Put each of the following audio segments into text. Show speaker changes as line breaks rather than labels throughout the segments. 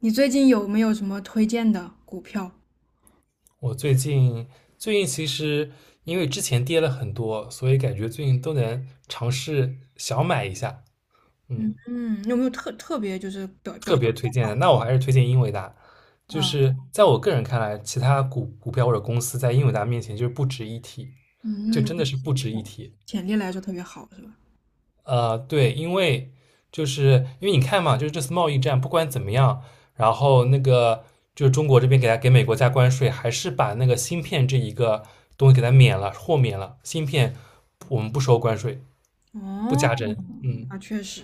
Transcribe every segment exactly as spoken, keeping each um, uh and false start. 你最近有没有什么推荐的股票？
我最近最近其实因为之前跌了很多，所以感觉最近都能尝试小买一下，
嗯
嗯，
嗯，有没有特特别就是表表
特
现
别推荐
不
的。
好
那我还是推荐英伟达，就
啊？
是在我个人看来，其他股股票或者公司在英伟达面前就是不值一提，就
嗯，
真的
嗯
是不值一
潜
提。
潜力来说特别好，是吧？
呃，对，因为就是因为你看嘛，就是这次贸易战不管怎么样，然后那个就是中国这边给他给美国加关税，还是把那个芯片这一个东西给它免了，豁免了，芯片我们不收关税，不
哦，
加征，嗯，
那确实。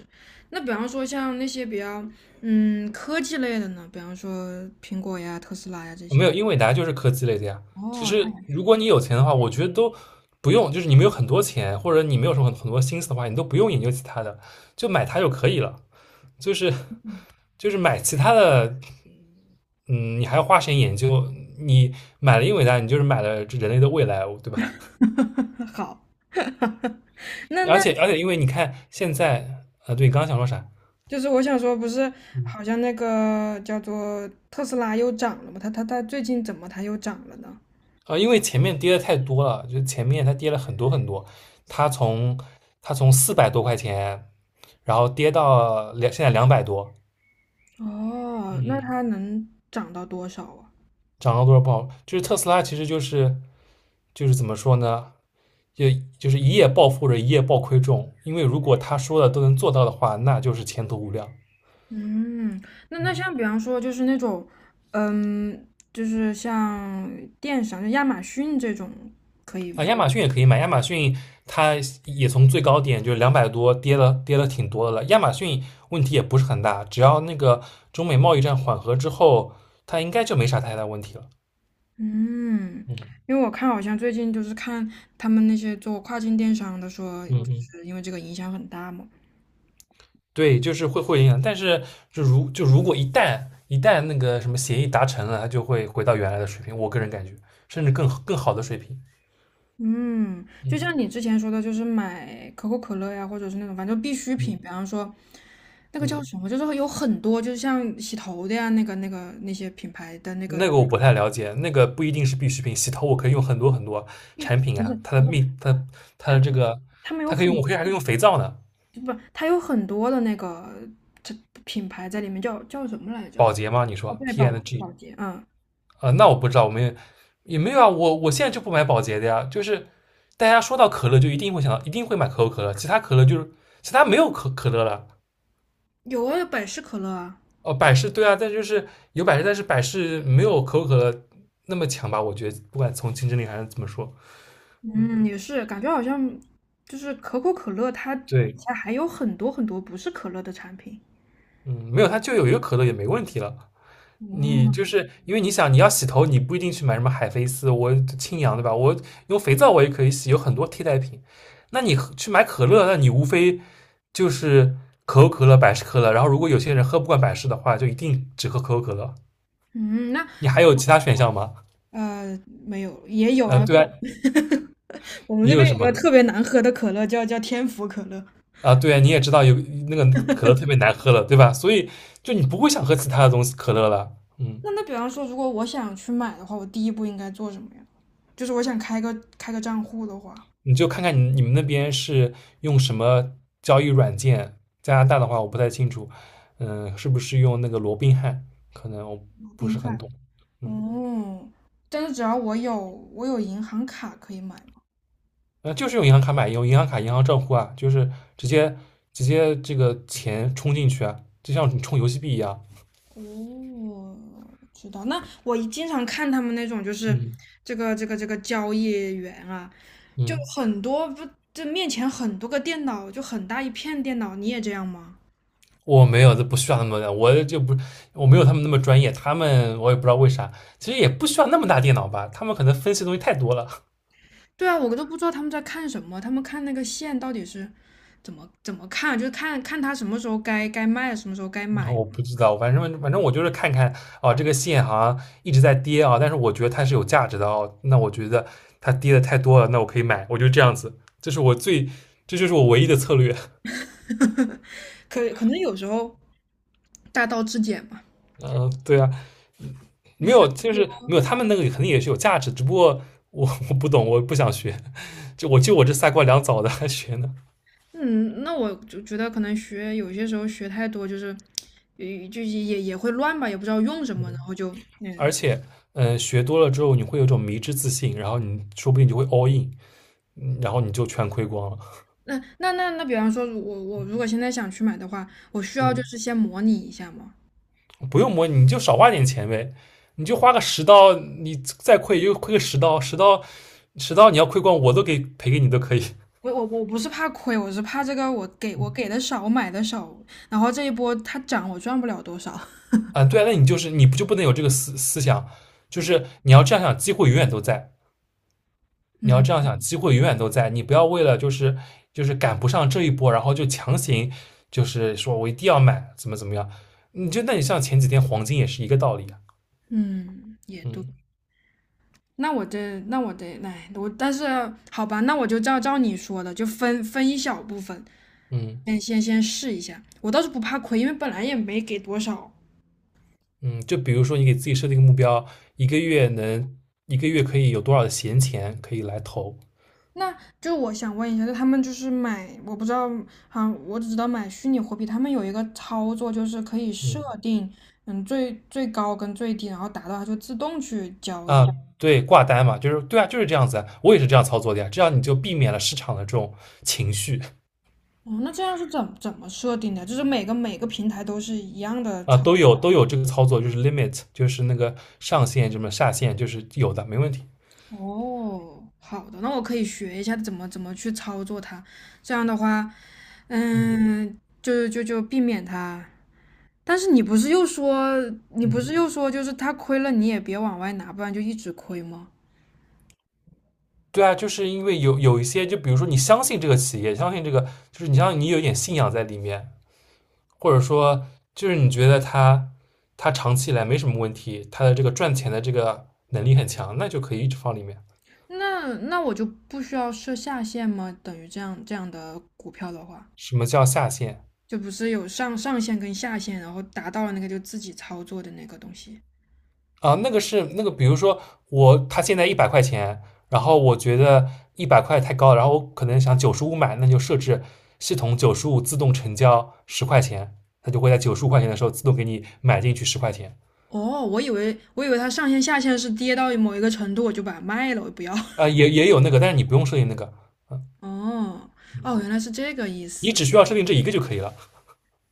那比方说像那些比较嗯科技类的呢，比方说苹果呀、特斯拉呀这
没
些。
有，因为大家就是科技类的呀。其
哦，太
实如果你有钱的话，我觉得都不用，就是你没有很多钱，或者你没有什么很很多心思的话，你都不用研究其他的，就买它就可以了，就是就是买其他的。嗯，你还要花时间研究。你买了英伟达，你就是买了人类的未来，对吧？
好。那
而
那
且而且，因为你看现在，呃，对，你刚刚想说啥？
就是我想说，不是
嗯，
好像那个叫做特斯拉又涨了吗？它它它最近怎么它又涨了呢？
啊，因为前面跌的太多了，就前面它跌了很多很多，它从它从四百多块钱，然后跌到两现在两百多，
哦，那
嗯
它能涨到多少啊？
涨了多少不好。就是特斯拉其实就是就是怎么说呢？就就是一夜暴富或者一夜暴亏中，因为如果他说的都能做到的话，那就是前途无量。
嗯，那那
嗯。
像比方说就是那种，嗯，就是像电商，就亚马逊这种，可以，
啊，亚马逊也可以买，亚马逊它也从最高点就是两百多跌了，跌了挺多的了。亚马逊问题也不是很大，只要那个中美贸易战缓和之后，它应该就没啥太大问题了。
嗯，
嗯
因为我看好像最近就是看他们那些做跨境电商的说，就
嗯嗯，
是因为这个影响很大嘛。
对，就是会会影响，但是就如就如果一旦一旦那个什么协议达成了，它就会回到原来的水平，我个人感觉，甚至更更好的水平。
嗯，就像
嗯
你之前说的，就是买可口可乐呀，或者是那种反正必需品，
嗯
比方说那个叫
嗯，
什么，就是有很多，就是像洗头的呀，那个那个那些品牌的那个，
那个我不太了解，那个不一定是必需品，洗头我可以用很多很多产品
不是
啊，它的密，它的它
他
的这个，
他们有
它可以
很
用，我
多。
可以还可以用肥皂呢，
不，它有很多的那个这品牌在里面，叫叫什么来着？
保洁吗？你
哦，
说
对，宝洁，
P and G N
宝洁，嗯，
啊、呃那我不知道，我们也没有啊，我我现在就不买保洁的呀，就是大家说到可乐就一定会想到，一定会买可口可乐，其他可乐就是其他没有可可乐了，
有啊，百事可乐啊，
哦，百事对啊，但就是有百事，但是百事没有可口可乐那么强吧？我觉得不管从竞争力还是怎么说，
嗯，也是，感觉好像就是可口可乐，它底
对，
下还有很多很多不是可乐的产品。
嗯，没有它就有一个可乐也没问题了。你就
嗯
是因为你想你要洗头，你不一定去买什么海飞丝，我清扬对吧？我用肥皂我也可以洗，有很多替代品。那你喝去买可乐，那你无非就是可口可乐、百事可乐。然后如果有些人喝不惯百事的话，就一定只喝可口可乐。
嗯，那
你还有其他选项吗？
呃没有，也有
呃，
啊，
对啊，
我们
也
这
有
边
什
有个
么
特别难喝的可乐叫叫天府可乐。
啊？对啊，你也知道有那个可乐特别难喝了，对吧？所以就你不会想喝其他的东西可乐了，嗯。
那那比方说，如果我想去买的话，我第一步应该做什么呀？就是我想开个开个账户的话，
你就看看你你们那边是用什么交易软件？加拿大的话我不太清楚，嗯，是不是用那个罗宾汉？可能我不
冰
是很
块。
懂，嗯，
哦，但是只要我有我有银行卡可以买吗？
呃，就是用银行卡买，用银行卡、银行账户啊，就是直接直接这个钱充进去啊，就像你充游戏币一样，
哦，知道。那我一经常看他们那种就是
嗯
这个这个这个交易员啊，就
嗯，
很多不这面前很多个电脑，就很大一片电脑，你也这样吗？
我没有，这不需要那么的，我就不，我没有他们那么专业，他们我也不知道为啥，其实也不需要那么大电脑吧，他们可能分析的东西太多了。
对啊，我都不知道他们在看什么，他们看那个线到底是怎么怎么看，就是看看他什么时候该该卖，什么时候该
然后
买。
我不知道，反正反正我就是看看啊，这个线好像一直在跌啊，但是我觉得它是有价值的哦。那我觉得它跌的太多了，那我可以买，我就这样子，这是我最，这就是我唯一的策略。
可可能有时候大道至简吧。
嗯、呃对啊，没有，就是没有，他们那个肯定也是有价值，只不过我我不懂，我不想学，就我就我这三瓜两枣的还学呢。
嗯，那我就觉得可能学有些时候学太多，就是，也就也也会乱吧，也不知道用什么，然
嗯，
后就，
而
嗯，
且嗯、呃学多了之后，你会有一种迷之自信，然后你说不定就会 all in,嗯然后你就全亏光了。
那那那那，比方说如，我我如果现在想去买的话，我需要就是
嗯。
先模拟一下吗？
不用摸，你就少花点钱呗，你就花个十刀，你再亏就亏个十刀，十刀十刀你要亏光，我都给赔给你都可以。
我我我不是怕亏，我是怕这个我给我给的少，我买的少，然后这一波它涨我赚不了多少。
啊，对啊，那你就是你不就不能有这个思思想，就是你要这样想，机会永远都在，你要
嗯
这样想，机会永远都在，你不要为了就是就是赶不上这一波，然后就强行就是说我一定要买，怎么怎么样，你就那你像前几天黄金也是一个道理啊，
嗯，也对。
嗯
那我这，那我得，哎，我但是好吧，那我就照照你说的，就分分一小部分，
嗯。
先先先试一下。我倒是不怕亏，因为本来也没给多少。
嗯，就比如说你给自己设定一个目标，一个月能一个月可以有多少的闲钱可以来投？
那就我想问一下，就他们就是买，我不知道，好像我只知道买虚拟货币，他们有一个操作就是可以设
嗯
定，嗯，最最高跟最低，然后达到它就自动去交易。
啊，对，挂单嘛，就是对啊，就是这样子啊我也是这样操作的呀，这样你就避免了市场的这种情绪
哦，那这样是怎怎么设定的？就是每个每个平台都是一样的
啊，
操。
都有都有这个操作，就是 limit,就是那个上限什么下限，就是有的，没问题。
哦，好的，那我可以学一下怎么怎么去操作它。这样的话，
嗯
嗯，就就就避免它。但是你不是又说，你不
嗯，
是又说，就是它亏了你也别往外拿，不然就一直亏吗？
对啊，就是因为有有一些，就比如说你相信这个企业，相信这个，就是你像你有一点信仰在里面，或者说就是你觉得他他长期以来没什么问题，他的这个赚钱的这个能力很强，那就可以一直放里面。
那那我就不需要设下限吗？等于这样这样的股票的话，
什么叫下限
就不是有上上限跟下限，然后达到了那个就自己操作的那个东西。
啊？那个是那个，比如说我他现在一百块钱，然后我觉得一百块太高，然后我可能想九十五买，那就设置系统九十五自动成交十块钱，它就会在九十五块钱的时候自动给你买进去十块钱。
哦，我以为我以为它上限下限是跌到某一个程度我就把它卖了，我不要。
啊、呃也也有那个，但是你不用设定那个，
哦，哦，原来是这个意
你
思。
只需要设定这一个就可以了。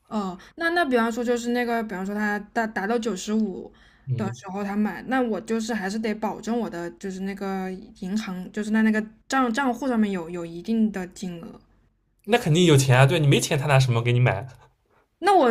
哦，那那比方说就是那个，比方说他达达到九十五的
嗯，
时候他买，那我就是还是得保证我的就是那个银行，就是在那个账账户上面有有一定的金额。
那肯定有钱啊，对你没钱他拿什么给你买？
那我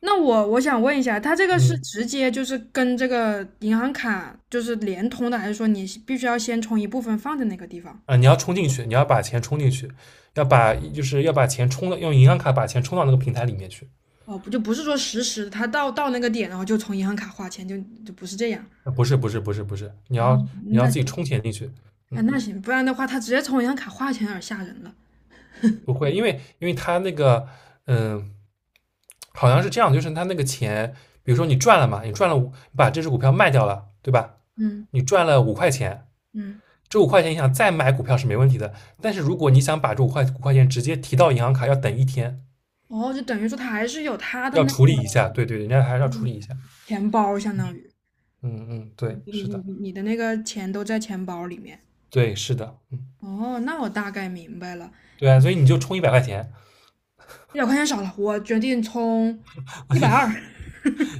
那我我想问一下，他这个是
嗯
直接就是跟这个银行卡就是联通的，还是说你必须要先充一部分放在那个地方？
啊，你要充进去，你要把钱充进去，要把就是要把钱充到用银行卡把钱充到那个平台里面去。
哦，不就不是说实时，他到到那个点然后就从银行卡花钱，就就不是这样。
啊，不是不是不是不是，你
啊，
要你要
那
自己充钱进去。
哎，
嗯，
那行，不然的话，他直接从银行卡划钱有点吓人了。
不会，因为因为他那个嗯，好像是这样，就是他那个钱，比如说你赚了嘛，你赚了五，你把这只股票卖掉了，对吧？
嗯
你赚了五块钱，
嗯，
这五块钱你想再买股票是没问题的，但是如果你想把这五块五块钱直接提到银行卡，要等一天，
哦，就等于说他还是有他的
要
那个
处理一下。对对，人家还是要处理一下。
钱包，相当于
嗯嗯，对，
你
是
你
的。
你的那个钱都在钱包里面。
对，是的，嗯，
哦，那我大概明白了，
对啊，所以你就充一百块钱，
一百块钱少了，我决定充一百二。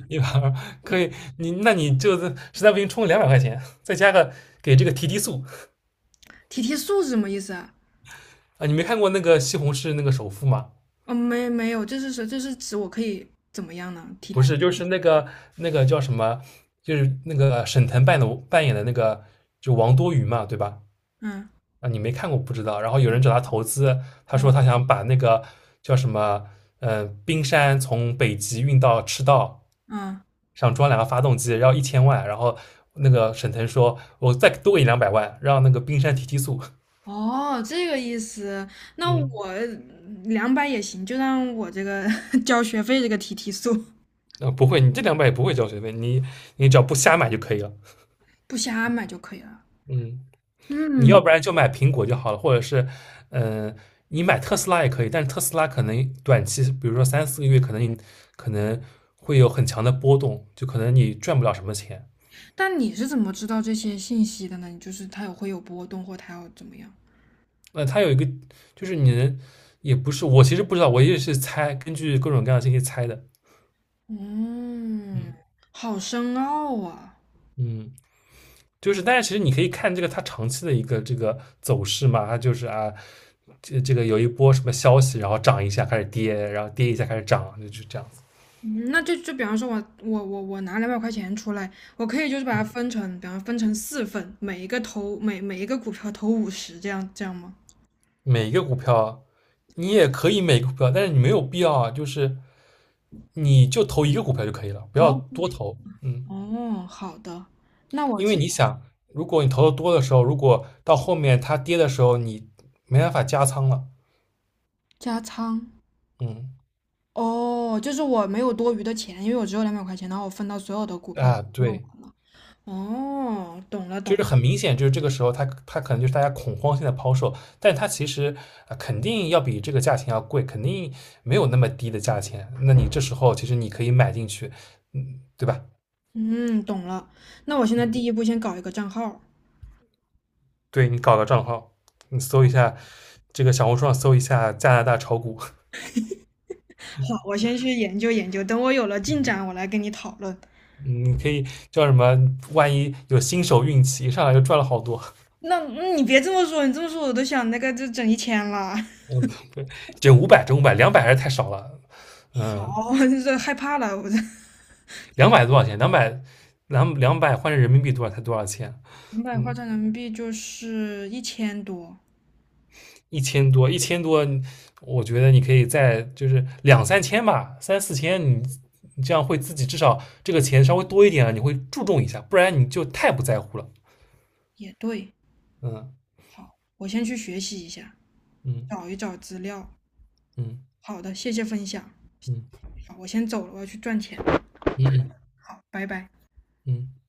一百二可以，你那你就实在不行充两百块钱，再加个给这个提提速
提提速是什么意思啊？
啊！你没看过那个西红柿那个首富吗？
哦，没没有，这是说这是指我可以怎么样呢？提
不
提，
是，就是那个那个叫什么，就是那个沈腾扮的扮演的那个就王多鱼嘛，对吧？
嗯
啊，你没看过不知道。然后有人找他投资，他说
嗯
他想把那个叫什么，呃，冰山从北极运到赤道，
嗯，
想装两个发动机，要一千万，然后那个沈腾说，我再多给你两百万，让那个冰山提提速。
哦，这个意思，那
嗯，
我两百也行，就让我这个 交学费这个提提速，
啊、不会，你这两百也不会交学费，你你只要不瞎买就可以了。
不瞎买就可以了。
嗯，你要
嗯，
不然就买苹果就好了，或者是，嗯、呃你买特斯拉也可以，但是特斯拉可能短期，比如说三四个月，可能你可能会有很强的波动，就可能你赚不了什么钱。
但你是怎么知道这些信息的呢？你就是它有会有波动，或它要怎么样？
那、呃它有一个，就是你能，也不是，我其实不知道，我也是猜，根据各种各样的信息猜的。
嗯，
嗯
好深奥啊。嗯
嗯。就是，但是其实你可以看这个它长期的一个这个走势嘛，它就是啊，这这个有一波什么消息，然后涨一下开始跌，然后跌一下开始涨，就是这样子。
那就就比方说我，我我我拿两百块钱出来，我可以就是把它分成，比方分成四份，每一个投每每一个股票投五十，这样这样吗？
每一个股票你也可以每个股票，但是你没有必要啊，就是你就投一个股票就可以了，不要
哦，不
多
投
投，嗯，
哦，好的，那我
因为
知
你想，如果你投的多的时候，如果到后面它跌的时候，你没办法加仓了，
加仓。
嗯
哦，就是我没有多余的钱，因为我只有两百块钱，然后我分到所有的股票里
啊，
用
对，
完了。哦，懂了，
就
懂
是
了，
很明显，就是这个时候它它可能就是大家恐慌性的抛售，但它其实呃肯定要比这个价钱要贵，肯定没有那么低的价钱。那你这时候其实你可以买进去，嗯，对吧？
嗯，懂了。那我现在
嗯，
第一步先搞一个账号。
对你搞个账号，你搜一下这个小红书上搜一下加拿大炒股，嗯
好，我先去研究研究，等我有了进展，我来跟你讨论。
你可以叫什么？万一有新手运气，一上来就赚了好多。
那、嗯你别这么说，你这么说我都想那个就整一千了。
这五百，这五百，两百还是太少了。嗯，
好，我这害怕了，我这
两百多少钱？两百两两百换成人民币多少才多少钱？
两百换
嗯。
成人民币就是一千多，
一千多，一千多，我觉得你可以再就是两三千吧，三四千，你你这样会自己至少这个钱稍微多一点了，你会注重一下，不然你就太不在乎了。
也对。
嗯
好，我先去学习一下，
嗯
找一找资料。
嗯
好的，谢谢分享。
嗯
好，我先走了，我要去赚钱。
嗯嗯
好，拜拜。
嗯。